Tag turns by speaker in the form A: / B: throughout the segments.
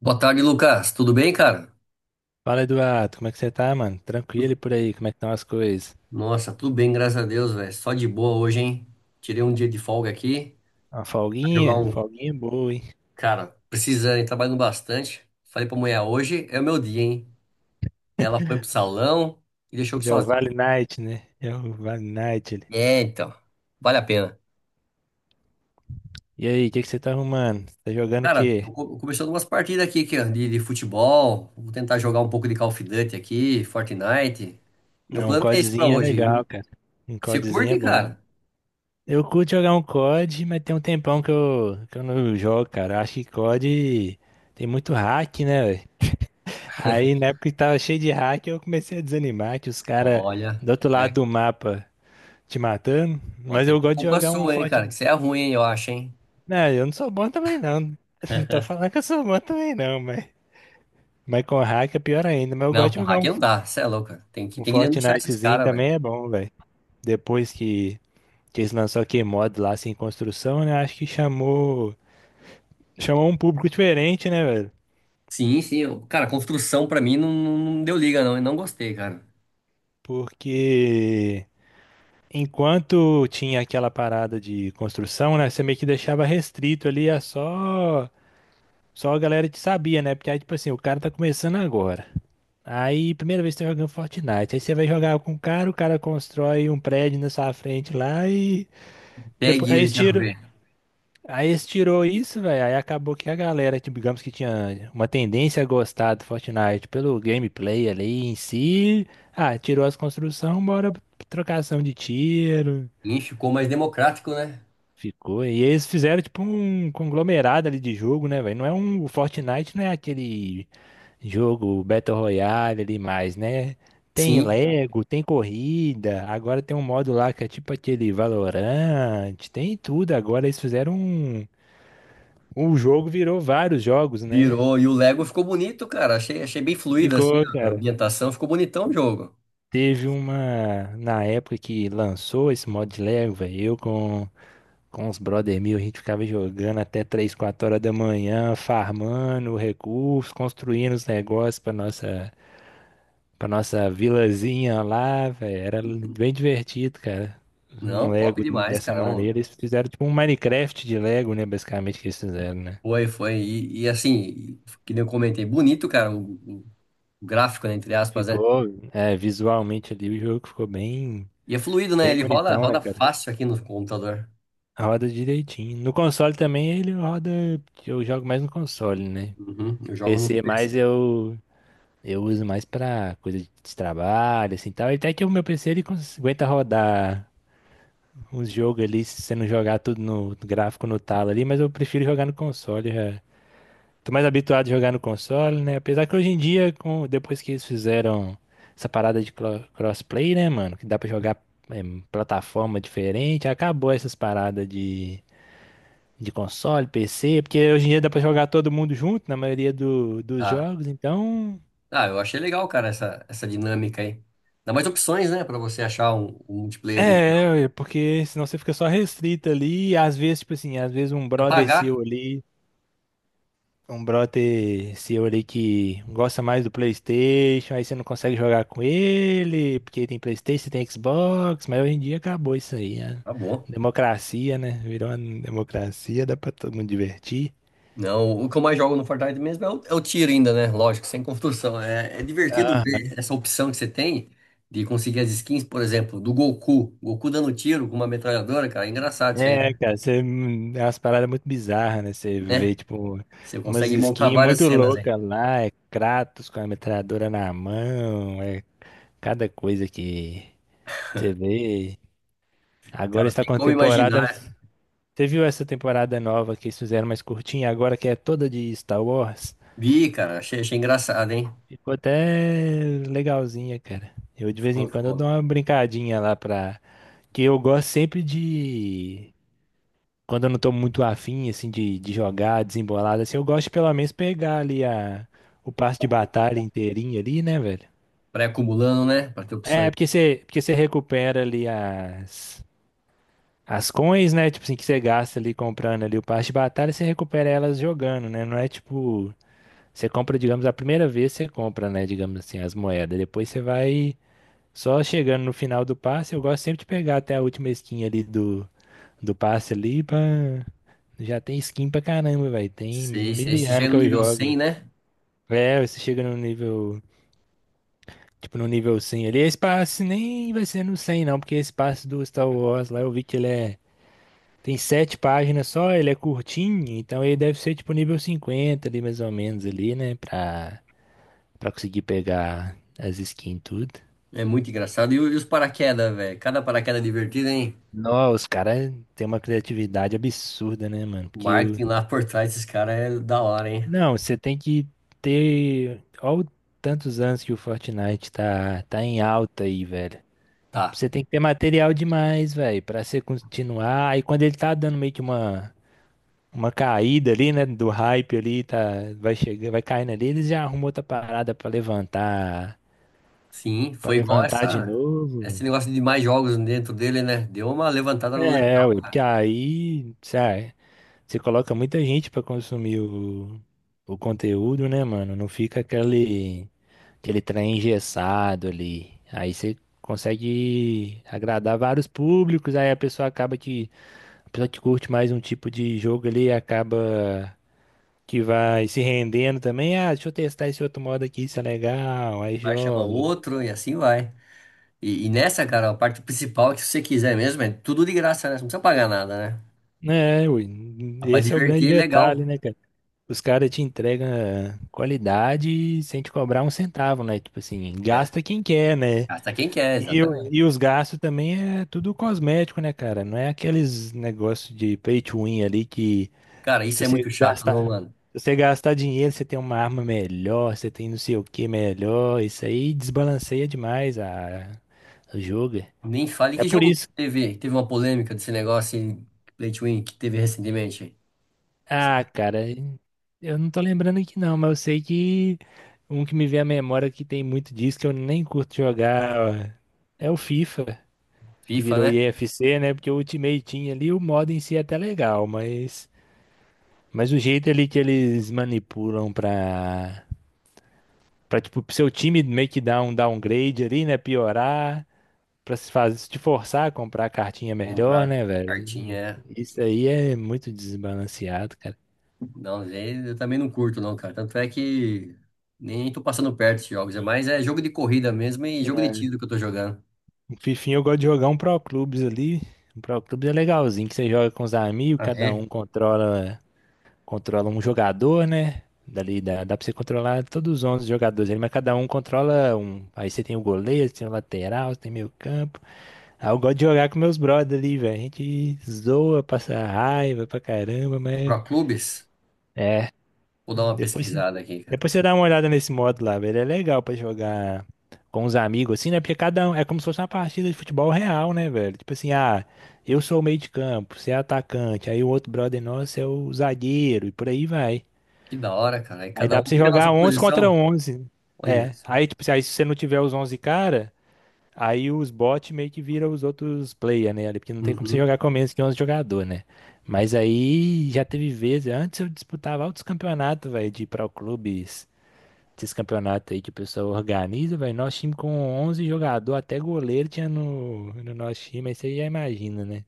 A: Boa tarde, Lucas. Tudo bem, cara?
B: Fala, Eduardo, como é que você tá, mano? Tranquilo e por aí, como é que estão as coisas?
A: Nossa, tudo bem, graças a Deus, velho. Só de boa hoje, hein? Tirei um dia de folga aqui.
B: Uma
A: Vai jogar
B: folguinha?
A: um.
B: Folguinha boa, hein?
A: Cara, precisando, hein? Trabalhando bastante. Falei pra mulher, hoje é o meu dia, hein? Ela foi pro salão e deixou eu
B: Já é o
A: sozinho.
B: Vale Night, né? Já é o Vale Night. Ele.
A: É, então. Vale a pena.
B: E aí, o que que você tá arrumando? Tá jogando o
A: Cara,
B: quê?
A: começando umas partidas aqui, aqui ó, de futebol. Vou tentar jogar um pouco de Call of Duty aqui, Fortnite. Meu
B: Ah, um
A: plano é esse pra
B: CODzinho é
A: hoje. E
B: legal, cara. Um
A: você
B: CODzinho é
A: curte,
B: bom, hein?
A: cara?
B: Eu curto jogar um code, mas tem um tempão que eu não jogo, cara. Eu acho que code tem muito hack, né, velho? Aí na época que tava cheio de hack, eu comecei a desanimar que os caras
A: Olha,
B: do outro lado
A: olha.
B: do mapa te matando.
A: Ó,
B: Mas
A: que é
B: eu gosto de
A: culpa
B: jogar um
A: sua, hein, cara, que
B: Fortnite.
A: você é ruim, hein, eu acho, hein.
B: Não, eu não sou bom também não. Não tô falando que eu sou bom também não, mas... Mas com hack é pior ainda. Mas eu
A: Não,
B: gosto
A: com
B: de jogar
A: hack
B: um,
A: não dá, você é louco, cara. Tem que,
B: um
A: tem que denunciar esses
B: Fortnitezinho
A: caras, velho.
B: também é bom, velho. Depois que eles lançaram aquele mod lá, sem construção, né? Acho que chamou... Chamou um público diferente, né, velho?
A: Sim, sim, cara, construção pra mim não, não deu liga, não, eu não gostei, cara.
B: Porque... Enquanto tinha aquela parada de construção, né? Você meio que deixava restrito ali a só... Só a galera que sabia, né? Porque aí, tipo assim, o cara tá começando agora. Aí, primeira vez que você tá jogando Fortnite. Aí você vai jogar com o cara constrói um prédio na sua frente lá e. Depois,
A: Pegue
B: aí
A: ele,
B: eles
A: quero
B: tiram.
A: ver.
B: Aí eles tirou isso, velho. Aí acabou que a galera, tipo, digamos que tinha uma tendência a gostar do Fortnite pelo gameplay ali em si. Ah, tirou as construções, bora pra trocação de tiro.
A: Ih, ficou mais democrático, né?
B: Ficou. E eles fizeram, tipo, um conglomerado ali de jogo, né, velho? Não é um. O Fortnite não é aquele jogo Battle Royale ali mais, né? Tem
A: Sim,
B: Lego, tem corrida, agora tem um modo lá que é tipo aquele Valorant, tem tudo. Agora eles fizeram um. O jogo virou vários jogos, né?
A: virou. E o Lego ficou bonito, cara, achei, achei bem fluido, assim,
B: Ficou,
A: a
B: cara.
A: ambientação, ficou bonitão o jogo.
B: Teve uma. Na época que lançou esse modo de Lego, velho, eu com os brother meu, a gente ficava jogando até 3 4 horas da manhã, farmando recursos, construindo os negócios pra nossa vilazinha lá, velho. Era bem divertido, cara. Um
A: Não, top
B: Lego
A: demais,
B: dessa
A: cara. Ô,
B: maneira. Eles fizeram tipo um Minecraft de Lego, né? Basicamente que eles fizeram, né?
A: foi, foi. E assim, que nem eu comentei, bonito, cara, o gráfico, né, entre aspas, né?
B: Ficou, é, visualmente ali o jogo ficou bem,
A: E é fluido, né?
B: bem
A: Ele roda,
B: bonitão, né,
A: roda
B: cara?
A: fácil aqui no computador.
B: Roda direitinho. No console também ele roda. Eu jogo mais no console, né?
A: Uhum, eu jogo no
B: PC
A: PC.
B: mais eu uso mais pra coisa de trabalho, assim, tal. Até que o meu PC ele aguenta rodar uns jogos ali, se você não jogar tudo no gráfico no talo ali, mas eu prefiro jogar no console. Já. Tô mais habituado a jogar no console, né? Apesar que hoje em dia, depois que eles fizeram essa parada de crossplay, né, mano? Que dá pra jogar em plataforma diferente, acabou essas paradas de console, PC, porque hoje em dia dá pra jogar todo mundo junto na maioria do, dos
A: Tá.
B: jogos, então.
A: Eu achei legal, cara, essa dinâmica aí. Dá mais opções, né, pra você achar um multiplayer
B: É,
A: ali legal.
B: é, porque senão você fica só restrito ali, e às vezes, tipo assim, às vezes um brother
A: Apagar,
B: seu ali. Um brother seu ali que gosta mais do PlayStation, aí você não consegue jogar com ele, porque tem PlayStation, tem Xbox, mas hoje em dia acabou isso aí. A
A: tá bom.
B: democracia, né? Virou uma democracia, dá pra todo mundo divertir.
A: Não, o que eu mais jogo no Fortnite mesmo é o tiro ainda, né? Lógico, sem construção. É, é divertido ver
B: Aham.
A: essa opção que você tem de conseguir as skins, por exemplo, do Goku. Goku dando tiro com uma metralhadora, cara. É engraçado isso aí,
B: É,
A: né?
B: cara, você, é umas paradas muito bizarras, né? Você
A: Né?
B: vê, tipo,
A: Você
B: umas
A: consegue montar
B: skins
A: várias
B: muito
A: cenas, né?
B: loucas lá, é Kratos com a metralhadora na mão, é cada coisa que você vê. Agora
A: Cara,
B: está
A: tem como
B: contemporânea.
A: imaginar.
B: Você viu essa temporada nova que eles fizeram mais curtinha, agora que é toda de Star Wars?
A: Vi, cara, achei, achei engraçado, hein?
B: Ficou até legalzinha, cara. Eu de vez em
A: Ficou,
B: quando eu
A: ficou
B: dou uma brincadinha lá pra. Que eu gosto sempre de. Quando eu não tô muito afim, assim, de jogar, desembolado, assim, eu gosto de pelo menos pegar ali a... o passe de batalha inteirinho ali, né, velho?
A: pré-acumulando, né? Pra ter
B: É,
A: opções.
B: porque você recupera ali as coins, né? Tipo assim, que você gasta ali comprando ali o passe de batalha, você recupera elas jogando, né? Não é tipo Você compra, digamos, a primeira vez você compra, né, digamos assim, as moedas. Depois você vai só chegando no final do passe. Eu gosto sempre de pegar até a última skin ali do passe ali pra... Já tem skin pra caramba, velho. Tem
A: Sei,
B: mil
A: sei.
B: e
A: Você
B: ano
A: chega
B: que
A: no
B: eu
A: nível
B: jogo,
A: 100
B: velho.
A: né?
B: É, você chega no nível, tipo, no nível 100 ali. Esse passe nem vai ser no 100 não, porque esse passe do Star Wars lá eu vi que ele é... Tem sete páginas só, ele é curtinho, então ele deve ser tipo nível 50 ali, mais ou menos, ali, né, pra... Pra conseguir pegar as skins e tudo.
A: É muito engraçado. E, e os paraquedas, velho? Cada paraquedas divertido, hein?
B: Nossa, os caras têm uma criatividade absurda, né, mano?
A: O
B: Porque eu...
A: marketing lá por trás desses caras é da hora, hein?
B: Não, você tem que ter... Olha tantos anos que o Fortnite tá em alta aí, velho.
A: Tá.
B: Você tem que ter material demais, velho, pra você continuar. Aí quando ele tá dando meio que uma caída ali, né, do hype ali, tá, vai chegando, vai caindo ali, eles já arrumam outra parada pra levantar,
A: Sim,
B: Pra
A: foi igual
B: levantar de
A: essa,
B: novo,
A: esse
B: velho.
A: negócio de mais jogos dentro dele, né? Deu uma levantada
B: É,
A: legal,
B: ué, porque
A: cara.
B: aí, sabe, Você coloca muita gente pra consumir o conteúdo, né, mano? Não fica aquele trem engessado ali. Aí você consegue agradar vários públicos, aí a pessoa acaba que, a pessoa que curte mais um tipo de jogo ali, acaba que vai se rendendo também. Ah, deixa eu testar esse outro modo aqui, isso é legal. Aí
A: Vai chama
B: joga.
A: outro e assim vai. E nessa, cara, a parte principal é que se você quiser mesmo, é tudo de graça, né? Você não precisa pagar nada, né?
B: É, ui,
A: Dá pra
B: esse é o grande
A: divertir, é
B: detalhe,
A: legal.
B: né, Os caras te entregam qualidade sem te cobrar um centavo, né? Tipo assim,
A: É.
B: gasta quem quer, né?
A: Gasta quem quer,
B: E,
A: exatamente.
B: e os gastos também é tudo cosmético, né, cara? Não é aqueles negócios de pay to win ali que
A: Cara, isso
B: se
A: é
B: você
A: muito chato, não,
B: gastar,
A: mano.
B: se você gastar dinheiro, você tem uma arma melhor, você tem não sei o que melhor. Isso aí desbalanceia demais a jogo.
A: Nem fale
B: É
A: que
B: por
A: jogo
B: isso
A: teve, teve uma polêmica desse negócio em Play to Win que teve recentemente.
B: Ah, cara, eu não tô lembrando aqui não, mas eu sei que um que me vem à memória que tem muito disso, que eu nem curto jogar, é o FIFA, que
A: FIFA,
B: virou
A: né?
B: IFC, né? Porque o Ultimate Team ali, o modo em si é até legal, mas o jeito ali que eles manipulam pra tipo, pro seu time meio que dar um downgrade ali, né? Piorar, pra se fazer, se te forçar a comprar a cartinha melhor,
A: Comprar
B: né,
A: cartinha,
B: velho?
A: é.
B: Isso aí é muito desbalanceado, cara.
A: Não, aí eu também não curto não, cara. Tanto é que nem tô passando perto de jogos, é mais é jogo de corrida mesmo e jogo de tiro que eu tô jogando.
B: O Fifinha eu gosto de jogar um Pro Clubes ali. Um Pro Clubes é legalzinho, que você joga com os amigos,
A: Ah,
B: cada
A: é?
B: um controla, um jogador, né? Dali dá pra você controlar todos os 11 jogadores ali, mas cada um controla um. Aí você tem o goleiro, você tem o lateral, você tem meio campo. Aí eu gosto de jogar com meus brothers ali, velho. A gente zoa, passa raiva pra caramba, mas
A: Pro Clubes? Vou dar uma
B: depois,
A: pesquisada aqui, cara.
B: depois você dá uma olhada nesse modo lá, velho. É legal pra jogar com os amigos, assim, né? Porque cada um é como se fosse uma partida de futebol real, né, velho? Tipo assim, ah, eu sou o meio de campo, você é atacante, aí o outro brother nosso é o zagueiro, e por aí vai.
A: Que da hora, cara. Aí
B: Aí
A: cada
B: dá pra
A: um
B: você
A: fica na sua
B: jogar 11 contra
A: posição.
B: 11
A: Olha
B: É.
A: só.
B: Aí, tipo assim, aí se você não tiver os 11 cara, aí os bots meio que viram os outros player, né? ali porque não tem como você
A: Uhum.
B: jogar com menos que 11 jogador, né? Mas aí já teve vezes, antes eu disputava altos campeonatos, velho, de pro clubes esses campeonatos aí que o pessoal organiza, velho. Nosso time com 11 jogador, até goleiro tinha no nosso time, aí você já imagina, né?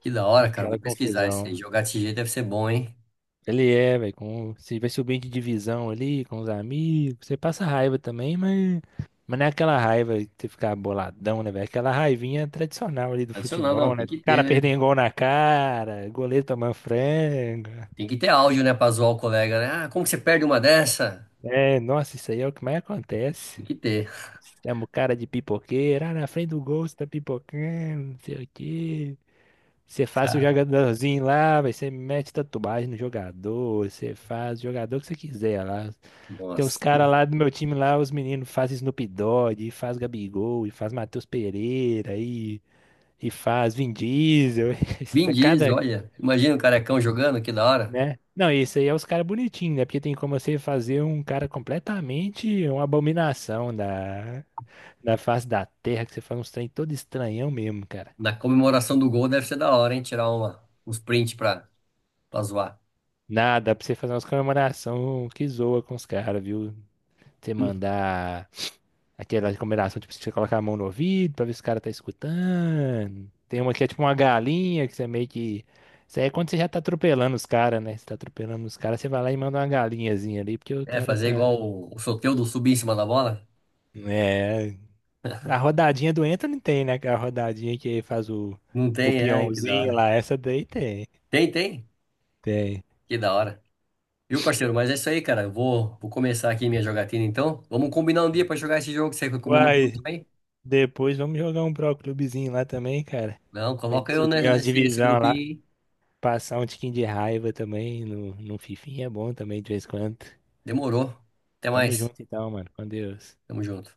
A: Que da hora, cara. Vou
B: Aquela
A: pesquisar isso aí.
B: confusão.
A: Jogar desse jeito deve ser bom, hein?
B: Ele é, velho, com você vai subindo de divisão ali com os amigos, você passa raiva também, mas não é aquela raiva que você ficar boladão, né, velho? É aquela raivinha tradicional ali do
A: Adicional, não,
B: futebol,
A: tem
B: né?
A: que ter,
B: Cara
A: né?
B: perdendo gol na cara, goleiro tomando frango.
A: Tem que ter áudio, né, pra zoar o colega, né? Ah, como que você perde uma dessa?
B: É, nossa, isso aí é o que mais acontece.
A: Tem que ter,
B: Chama o cara de pipoqueiro. Ah, na frente do gol você tá pipocando, não sei o quê. Você faz o
A: cara.
B: jogadorzinho lá, vai, você mete tatuagem no jogador, você faz o jogador que você quiser lá. Tem os
A: Nossa.
B: caras lá do meu time lá, os meninos fazem Snoop Dogg, e faz Gabigol, e faz Matheus Pereira, e faz Vin Diesel. Isso
A: Vin
B: tá
A: Diesel,
B: cada,
A: olha. Imagina o carecão jogando, que da hora.
B: né? Não, isso aí é os caras bonitinhos, né? Porque tem como você fazer um cara completamente uma abominação da, Na face da terra que você faz uns trem todo estranhão mesmo, cara.
A: Na comemoração do gol deve ser da hora, hein? Tirar uma, uns prints pra, pra zoar.
B: Nada, dá pra você fazer umas comemoração que zoa com os caras, viu? Você mandar aquela comemoração, tipo, você colocar a mão no ouvido pra ver se o cara tá escutando. Tem uma que é tipo uma galinha, que você meio que. Isso aí é quando você já tá atropelando os caras, né? Você tá atropelando os caras, você vai lá e manda uma galinhazinha ali, porque o
A: É,
B: cara
A: fazer
B: tá.
A: igual o Soteldo subir em cima da bola?
B: É. A rodadinha do entra não tem, né? A rodadinha que faz o,
A: Não
B: o
A: tem, ai, que da
B: peãozinho
A: hora.
B: lá, essa daí tem.
A: Tem, tem?
B: Tem.
A: Que da hora. Viu, parceiro? Mas é isso aí, cara. Eu vou começar aqui minha jogatina, então. Vamos combinar um dia pra jogar esse jogo que você recomendou pro grupo
B: Uai,
A: aí?
B: Depois vamos jogar um Pro Clubezinho lá também, cara.
A: Não,
B: Pra
A: coloca
B: gente subir umas
A: nesse, nesse
B: divisão lá,
A: grupinho, hein?
B: passar um tiquinho de raiva também no Fifinha é bom também de vez em quando.
A: Demorou. Até
B: Tamo
A: mais.
B: junto então, mano. Com Deus.
A: Tamo junto.